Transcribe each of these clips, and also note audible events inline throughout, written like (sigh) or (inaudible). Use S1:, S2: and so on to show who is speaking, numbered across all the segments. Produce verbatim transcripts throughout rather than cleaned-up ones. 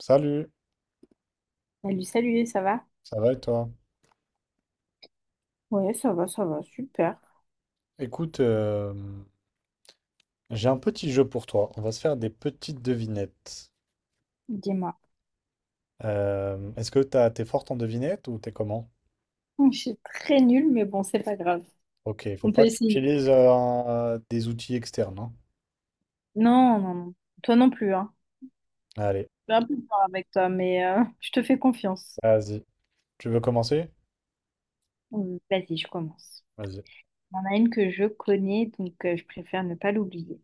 S1: Salut,
S2: Salut, salut, ça va?
S1: ça va et toi?
S2: Ouais, ça va, ça va, super.
S1: Écoute, euh, j'ai un petit jeu pour toi. On va se faire des petites devinettes.
S2: Dis-moi.
S1: Euh, est-ce que t'as, t'es forte en devinettes ou t'es comment?
S2: (laughs) Je suis très nulle, mais bon, c'est pas grave.
S1: Ok, il faut
S2: On peut
S1: pas que tu
S2: essayer.
S1: utilises euh, un- des outils externes, hein.
S2: Non, non, non. Toi non plus, hein.
S1: Allez,
S2: Je suis un peu fort avec toi, mais euh, je te fais confiance.
S1: vas-y. Tu veux commencer?
S2: Hum, Vas-y, je commence.
S1: Vas-y.
S2: Il y en a une que je connais, donc euh, je préfère ne pas l'oublier.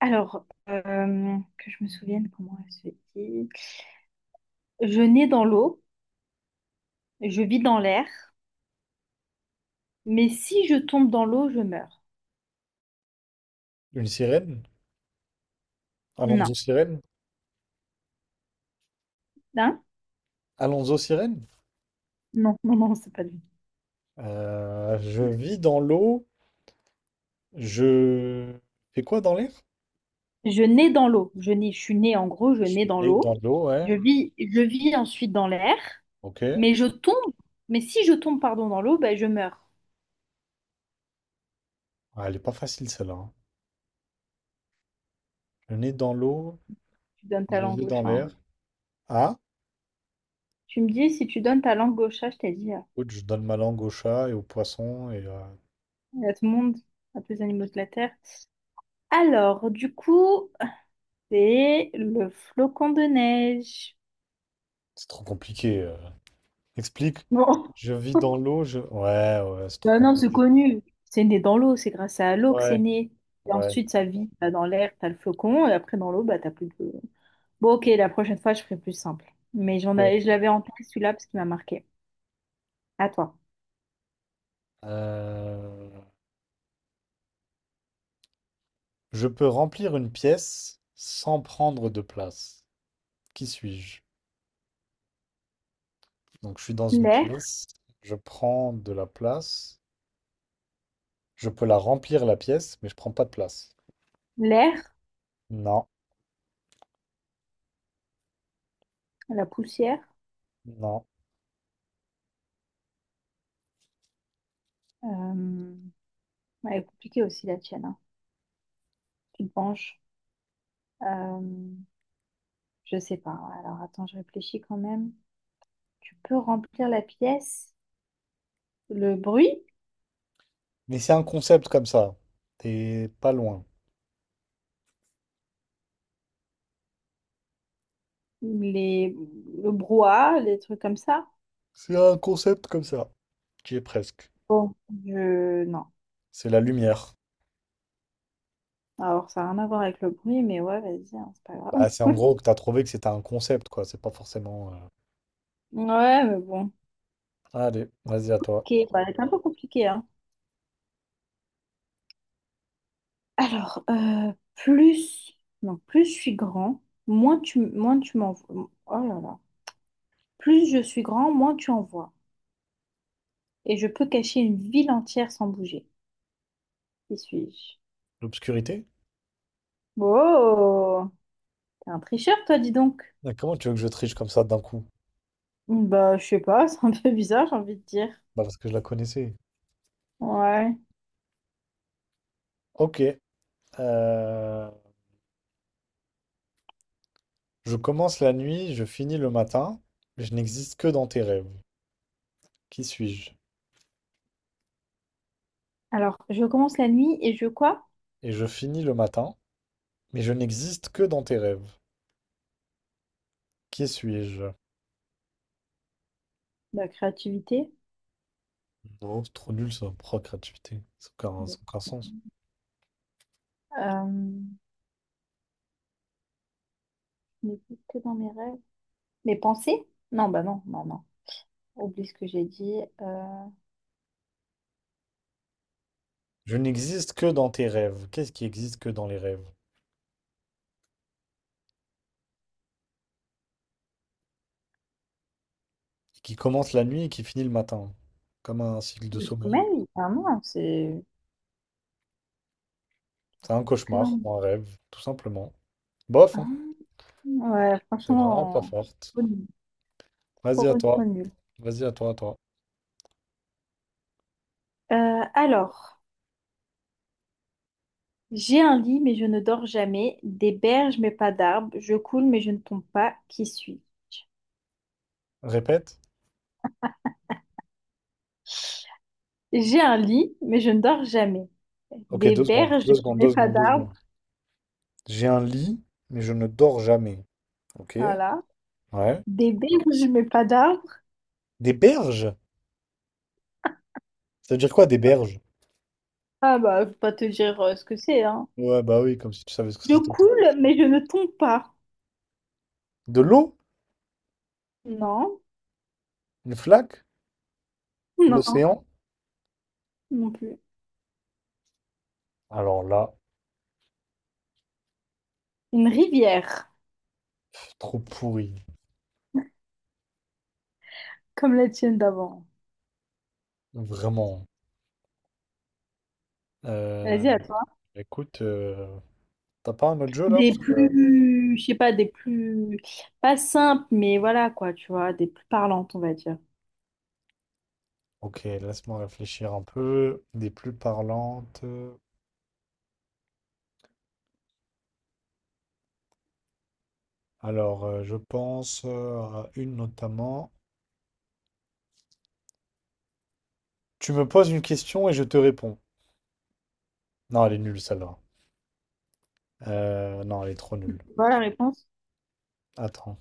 S2: Alors, euh, que je me souvienne comment elle se dit. Je nais dans l'eau, je vis dans l'air, mais si je tombe dans l'eau, je meurs.
S1: Une sirène?
S2: Non.
S1: Alonso Sirène?
S2: Hein?
S1: Alonso Sirène?
S2: Non, non, non, c'est pas lui.
S1: Euh, je vis dans l'eau. Je fais quoi dans l'air?
S2: Je nais dans l'eau. Je nais, je suis née en gros, je
S1: Je
S2: nais
S1: suis
S2: dans
S1: né
S2: l'eau.
S1: dans l'eau, ouais.
S2: Je vis, je vis ensuite dans l'air,
S1: Ok.
S2: mais je tombe. Mais si je tombe, pardon, dans l'eau, ben je meurs.
S1: Ah, elle est pas facile celle-là, hein. Je suis né dans l'eau.
S2: Tu donnes ta
S1: Je
S2: langue
S1: vis
S2: gauche,
S1: dans
S2: hein.
S1: l'air. Ah?
S2: Tu me dis, si tu donnes ta langue gauche, je t'ai dit, euh,
S1: Écoute, je donne ma langue au chat et au poisson. Et euh,
S2: à tout le monde, à tous les animaux de la Terre. Alors, du coup, c'est le flocon de neige.
S1: c'est trop compliqué. euh. Explique.
S2: Bon.
S1: Je vis
S2: (laughs)
S1: dans l'eau. Je. Ouais, ouais, c'est trop
S2: Bah non, c'est
S1: compliqué.
S2: connu. C'est né dans l'eau, c'est grâce à l'eau que c'est
S1: Ouais,
S2: né. Et
S1: ouais.
S2: ensuite, ça vit bah, dans l'air, t'as le flocon, et après dans l'eau, bah t'as plus de… Bon, ok, la prochaine fois, je ferai plus simple. Mais j'en
S1: Ok.
S2: avais, je l'avais en tête celui-là parce qu'il m'a marqué. À toi.
S1: Euh, je peux remplir une pièce sans prendre de place. Qui suis-je? Donc je suis dans une
S2: L'air,
S1: pièce, je prends de la place, je peux la remplir la pièce, mais je prends pas de place.
S2: l'air,
S1: Non,
S2: la poussière.
S1: non.
S2: Euh... ouais, elle est compliquée aussi la tienne, hein. Tu te penches. Euh... Je sais pas. Alors attends, je réfléchis quand même. Tu peux remplir la pièce, le bruit,
S1: Mais c'est un concept comme ça. T'es pas loin.
S2: les… le brouhaha, les trucs comme ça.
S1: C'est un concept comme ça. Tu y es presque.
S2: Bon, je... Non.
S1: C'est la lumière.
S2: Alors, ça n'a rien à voir avec le bruit, mais ouais, vas-y, hein, c'est pas grave.
S1: Bah, c'est en gros que t'as trouvé que c'était un concept, quoi. C'est pas forcément. euh,
S2: Ouais, mais bon.
S1: Allez, vas-y à toi.
S2: Ok, bah, c'est un peu compliqué, hein. Alors, euh, plus, non, plus je suis grand, moins tu, moins tu m'envoies. Oh là là. Plus je suis grand, moins tu en vois. Et je peux cacher une ville entière sans bouger. Qui suis-je?
S1: L'obscurité?
S2: Oh, t'es un tricheur, toi, dis donc.
S1: Ah, comment tu veux que je triche comme ça d'un coup?
S2: Bah, je sais pas, (laughs) c'est un peu bizarre, j'ai envie de dire.
S1: Bah, parce que je la connaissais.
S2: Ouais.
S1: Ok. euh, Je commence la nuit, je finis le matin, je n'existe que dans tes rêves. Qui suis-je?
S2: Alors, je commence la nuit et je quoi?
S1: Et je finis le matin, mais je n'existe que dans tes rêves. Qui suis-je?
S2: La créativité.
S1: Non, c'est trop nul ça, procréativité, créativité. Ça n'a aucun, ça n'a aucun sens.
S2: Euh, je n'existe que dans mes rêves. Mes pensées? Non, bah non, non, non. Oublie ce que j'ai dit. Euh,
S1: Je n'existe que dans tes rêves. Qu'est-ce qui existe que dans les rêves? Qui commence la nuit et qui finit le matin. Comme un cycle de
S2: Le
S1: sommeil.
S2: sommeil? Ah non, c'est
S1: C'est un
S2: que dans…
S1: cauchemar ou un rêve, tout simplement. Bof,
S2: Ah,
S1: hein.
S2: ouais,
S1: T'es vraiment pas
S2: franchement,
S1: forte.
S2: trop nul.
S1: Vas-y
S2: Trop,
S1: à toi.
S2: trop nul.
S1: Vas-y à toi, à toi.
S2: Euh, alors, j'ai un lit, mais je ne dors jamais. Des berges, mais pas d'arbres. Je coule, mais je ne tombe pas. Qui suis-je?
S1: Répète.
S2: J'ai un lit, mais je ne dors jamais.
S1: Ok,
S2: Des
S1: deux secondes.
S2: berges,
S1: Deux secondes,
S2: mais
S1: deux
S2: pas
S1: secondes, deux secondes.
S2: d'arbres.
S1: J'ai un lit, mais je ne dors jamais. Ok?
S2: Voilà.
S1: Ouais.
S2: Des berges, mais pas d'arbres.
S1: Des berges? Ça veut dire quoi, des berges?
S2: Ah bah, je vais pas te dire euh, ce que c'est, hein.
S1: Ouais, bah oui, comme si tu savais ce que
S2: Je
S1: c'était.
S2: coule, mais je ne tombe pas.
S1: De l'eau?
S2: Non,
S1: Une flaque?
S2: non,
S1: L'océan?
S2: non plus.
S1: Alors là,
S2: Une rivière.
S1: trop pourri.
S2: Comme la tienne d'avant.
S1: Vraiment. Euh,
S2: Vas-y, à toi.
S1: écoute, euh, t'as pas un autre jeu là?
S2: Des
S1: Parce que-
S2: plus, je sais pas, des plus, pas simples, mais voilà quoi, tu vois, des plus parlantes, on va dire.
S1: Ok, laisse-moi réfléchir un peu. Des plus parlantes. Alors, euh, je pense euh, à une notamment. Tu me poses une question et je te réponds. Non, elle est nulle celle-là. Euh, non, elle est trop nulle.
S2: Voilà la réponse.
S1: Attends.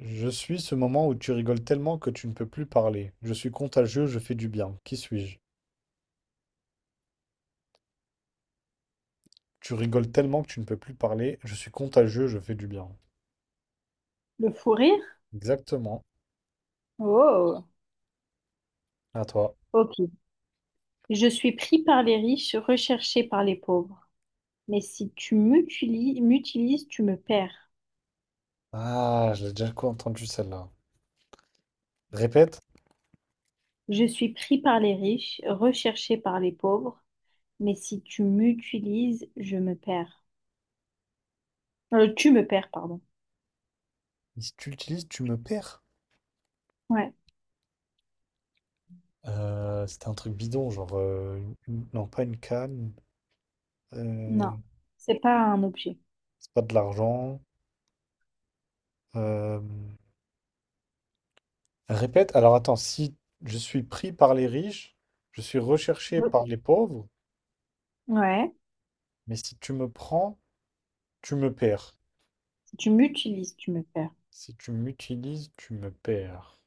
S1: Je suis ce moment où tu rigoles tellement que tu ne peux plus parler. Je suis contagieux, je fais du bien. Qui suis-je? Tu rigoles tellement que tu ne peux plus parler. Je suis contagieux, je fais du bien.
S2: Le fou rire?
S1: Exactement.
S2: Oh,
S1: À toi.
S2: ok. Je suis pris par les riches, recherché par les pauvres. Mais si tu m'utili- m'utilises, tu me perds.
S1: Ah, je l'ai déjà entendu celle-là. Répète.
S2: Je suis pris par les riches, recherché par les pauvres. Mais si tu m'utilises, je me perds. Euh, tu me perds, pardon.
S1: Si tu l'utilises, tu me perds.
S2: Ouais,
S1: Euh, c'était un truc bidon, genre... euh, une- non, pas une canne.
S2: non,
S1: euh,
S2: c'est pas un objet.
S1: c'est pas de l'argent. euh, Répète. Alors attends, si je suis pris par les riches, je suis recherché par les pauvres,
S2: Ouais.
S1: mais si tu me prends... Tu me perds.
S2: Tu m'utilises, tu me perds.
S1: Si tu m'utilises, tu me perds.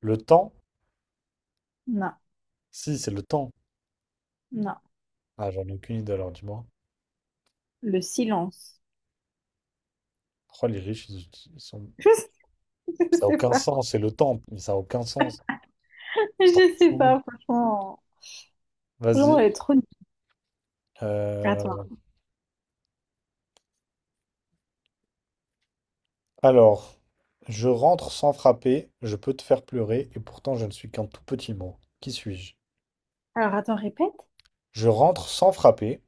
S1: Le temps?
S2: Non,
S1: Si, c'est le temps.
S2: non.
S1: Ah, j'en ai aucune idée alors, dis-moi.
S2: Le silence.
S1: Pourquoi les riches, ils, uti- ils sont...
S2: (laughs) Je
S1: Ça n'a
S2: sais
S1: aucun
S2: pas.
S1: sens, c'est le temps, mais ça n'a aucun sens. C'est trop
S2: Je sais
S1: fou.
S2: pas, franchement. Franchement,
S1: Vas-y.
S2: elle est trop nulle.
S1: Euh,
S2: Attends.
S1: Alors, je rentre sans frapper, je peux te faire pleurer, et pourtant je ne suis qu'un tout petit mot. Qui suis-je?
S2: Alors, attends, répète.
S1: Je rentre sans frapper,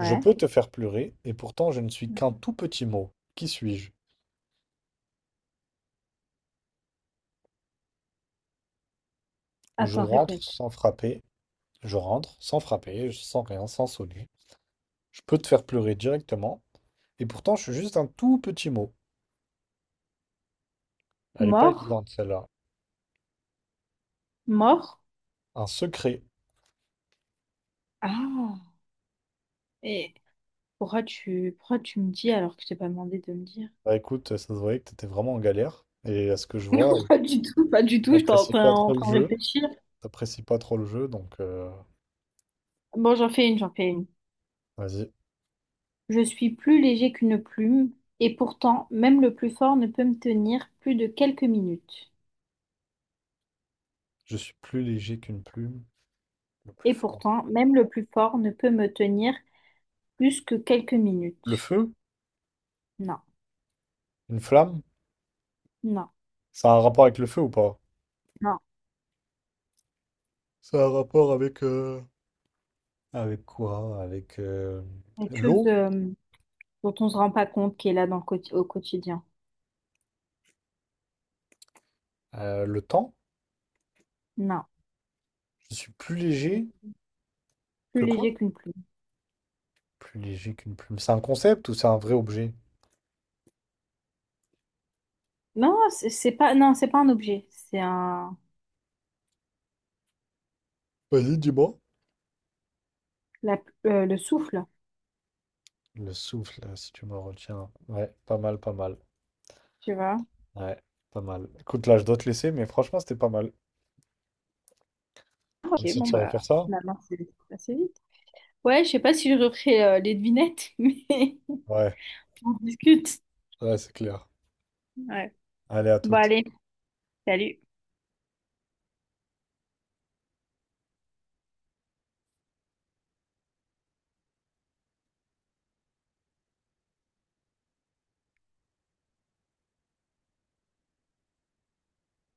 S1: je peux te faire pleurer, et pourtant je ne suis qu'un tout petit mot. Qui suis-je? Je
S2: Attends,
S1: rentre
S2: répète.
S1: sans frapper, je rentre, sans frapper, sans rien, sans sonner. Je peux te faire pleurer directement. Et pourtant, je suis juste un tout petit mot. Elle est pas
S2: Mort,
S1: évidente, celle-là.
S2: mort.
S1: Un secret.
S2: Ah. Et pourquoi tu, pourquoi tu me dis alors que je t'ai pas demandé de me dire?
S1: Bah écoute, ça se voyait que t'étais vraiment en galère. Et à ce que je vois,
S2: (laughs) Pas
S1: tu
S2: du tout, pas du tout. Je t'en-
S1: n'apprécies pas
S2: t'en- en
S1: trop le
S2: train de
S1: jeu.
S2: réfléchir.
S1: T'apprécies pas trop le jeu, donc euh,
S2: Bon, j'en fais une, j'en fais une.
S1: vas-y.
S2: Je suis plus léger qu'une plume, et pourtant, même le plus fort ne peut me tenir plus de quelques minutes.
S1: Je suis plus léger qu'une plume. Le plus
S2: Et
S1: fort.
S2: pourtant, même le plus fort ne peut me tenir plus que quelques
S1: Le
S2: minutes.
S1: feu?
S2: Non,
S1: Une flamme?
S2: non,
S1: Ça a un rapport avec le feu ou pas?
S2: non.
S1: Ça a un rapport avec... euh, avec quoi? Avec euh,
S2: Quelque chose
S1: l'eau?
S2: euh, dont on ne se rend pas compte qui est là dans le quoti- au quotidien.
S1: Euh, le temps?
S2: Non.
S1: Je suis plus
S2: C'est
S1: léger
S2: plus
S1: que quoi?
S2: léger qu'une plume.
S1: Plus léger qu'une plume. C'est un concept ou c'est un vrai objet?
S2: Non, c'est c'est pas, non, c'est pas un objet. C'est un,
S1: Vas-y, dis-moi.
S2: la- euh, le souffle,
S1: Le souffle, euh, si tu me retiens. Ouais, pas mal, pas mal.
S2: tu vois.
S1: Ouais, pas mal. Écoute, là, je dois te laisser, mais franchement, c'était pas mal. On
S2: Ok,
S1: essaie de
S2: bon,
S1: se refaire
S2: bah,
S1: ça?
S2: finalement, c'est c'est assez vite. Ouais, je sais pas si je referai euh, les devinettes, (laughs) mais
S1: Ouais,
S2: on discute.
S1: ouais, c'est clair.
S2: Ouais.
S1: Allez, à
S2: Bon,
S1: toutes.
S2: allez, salut.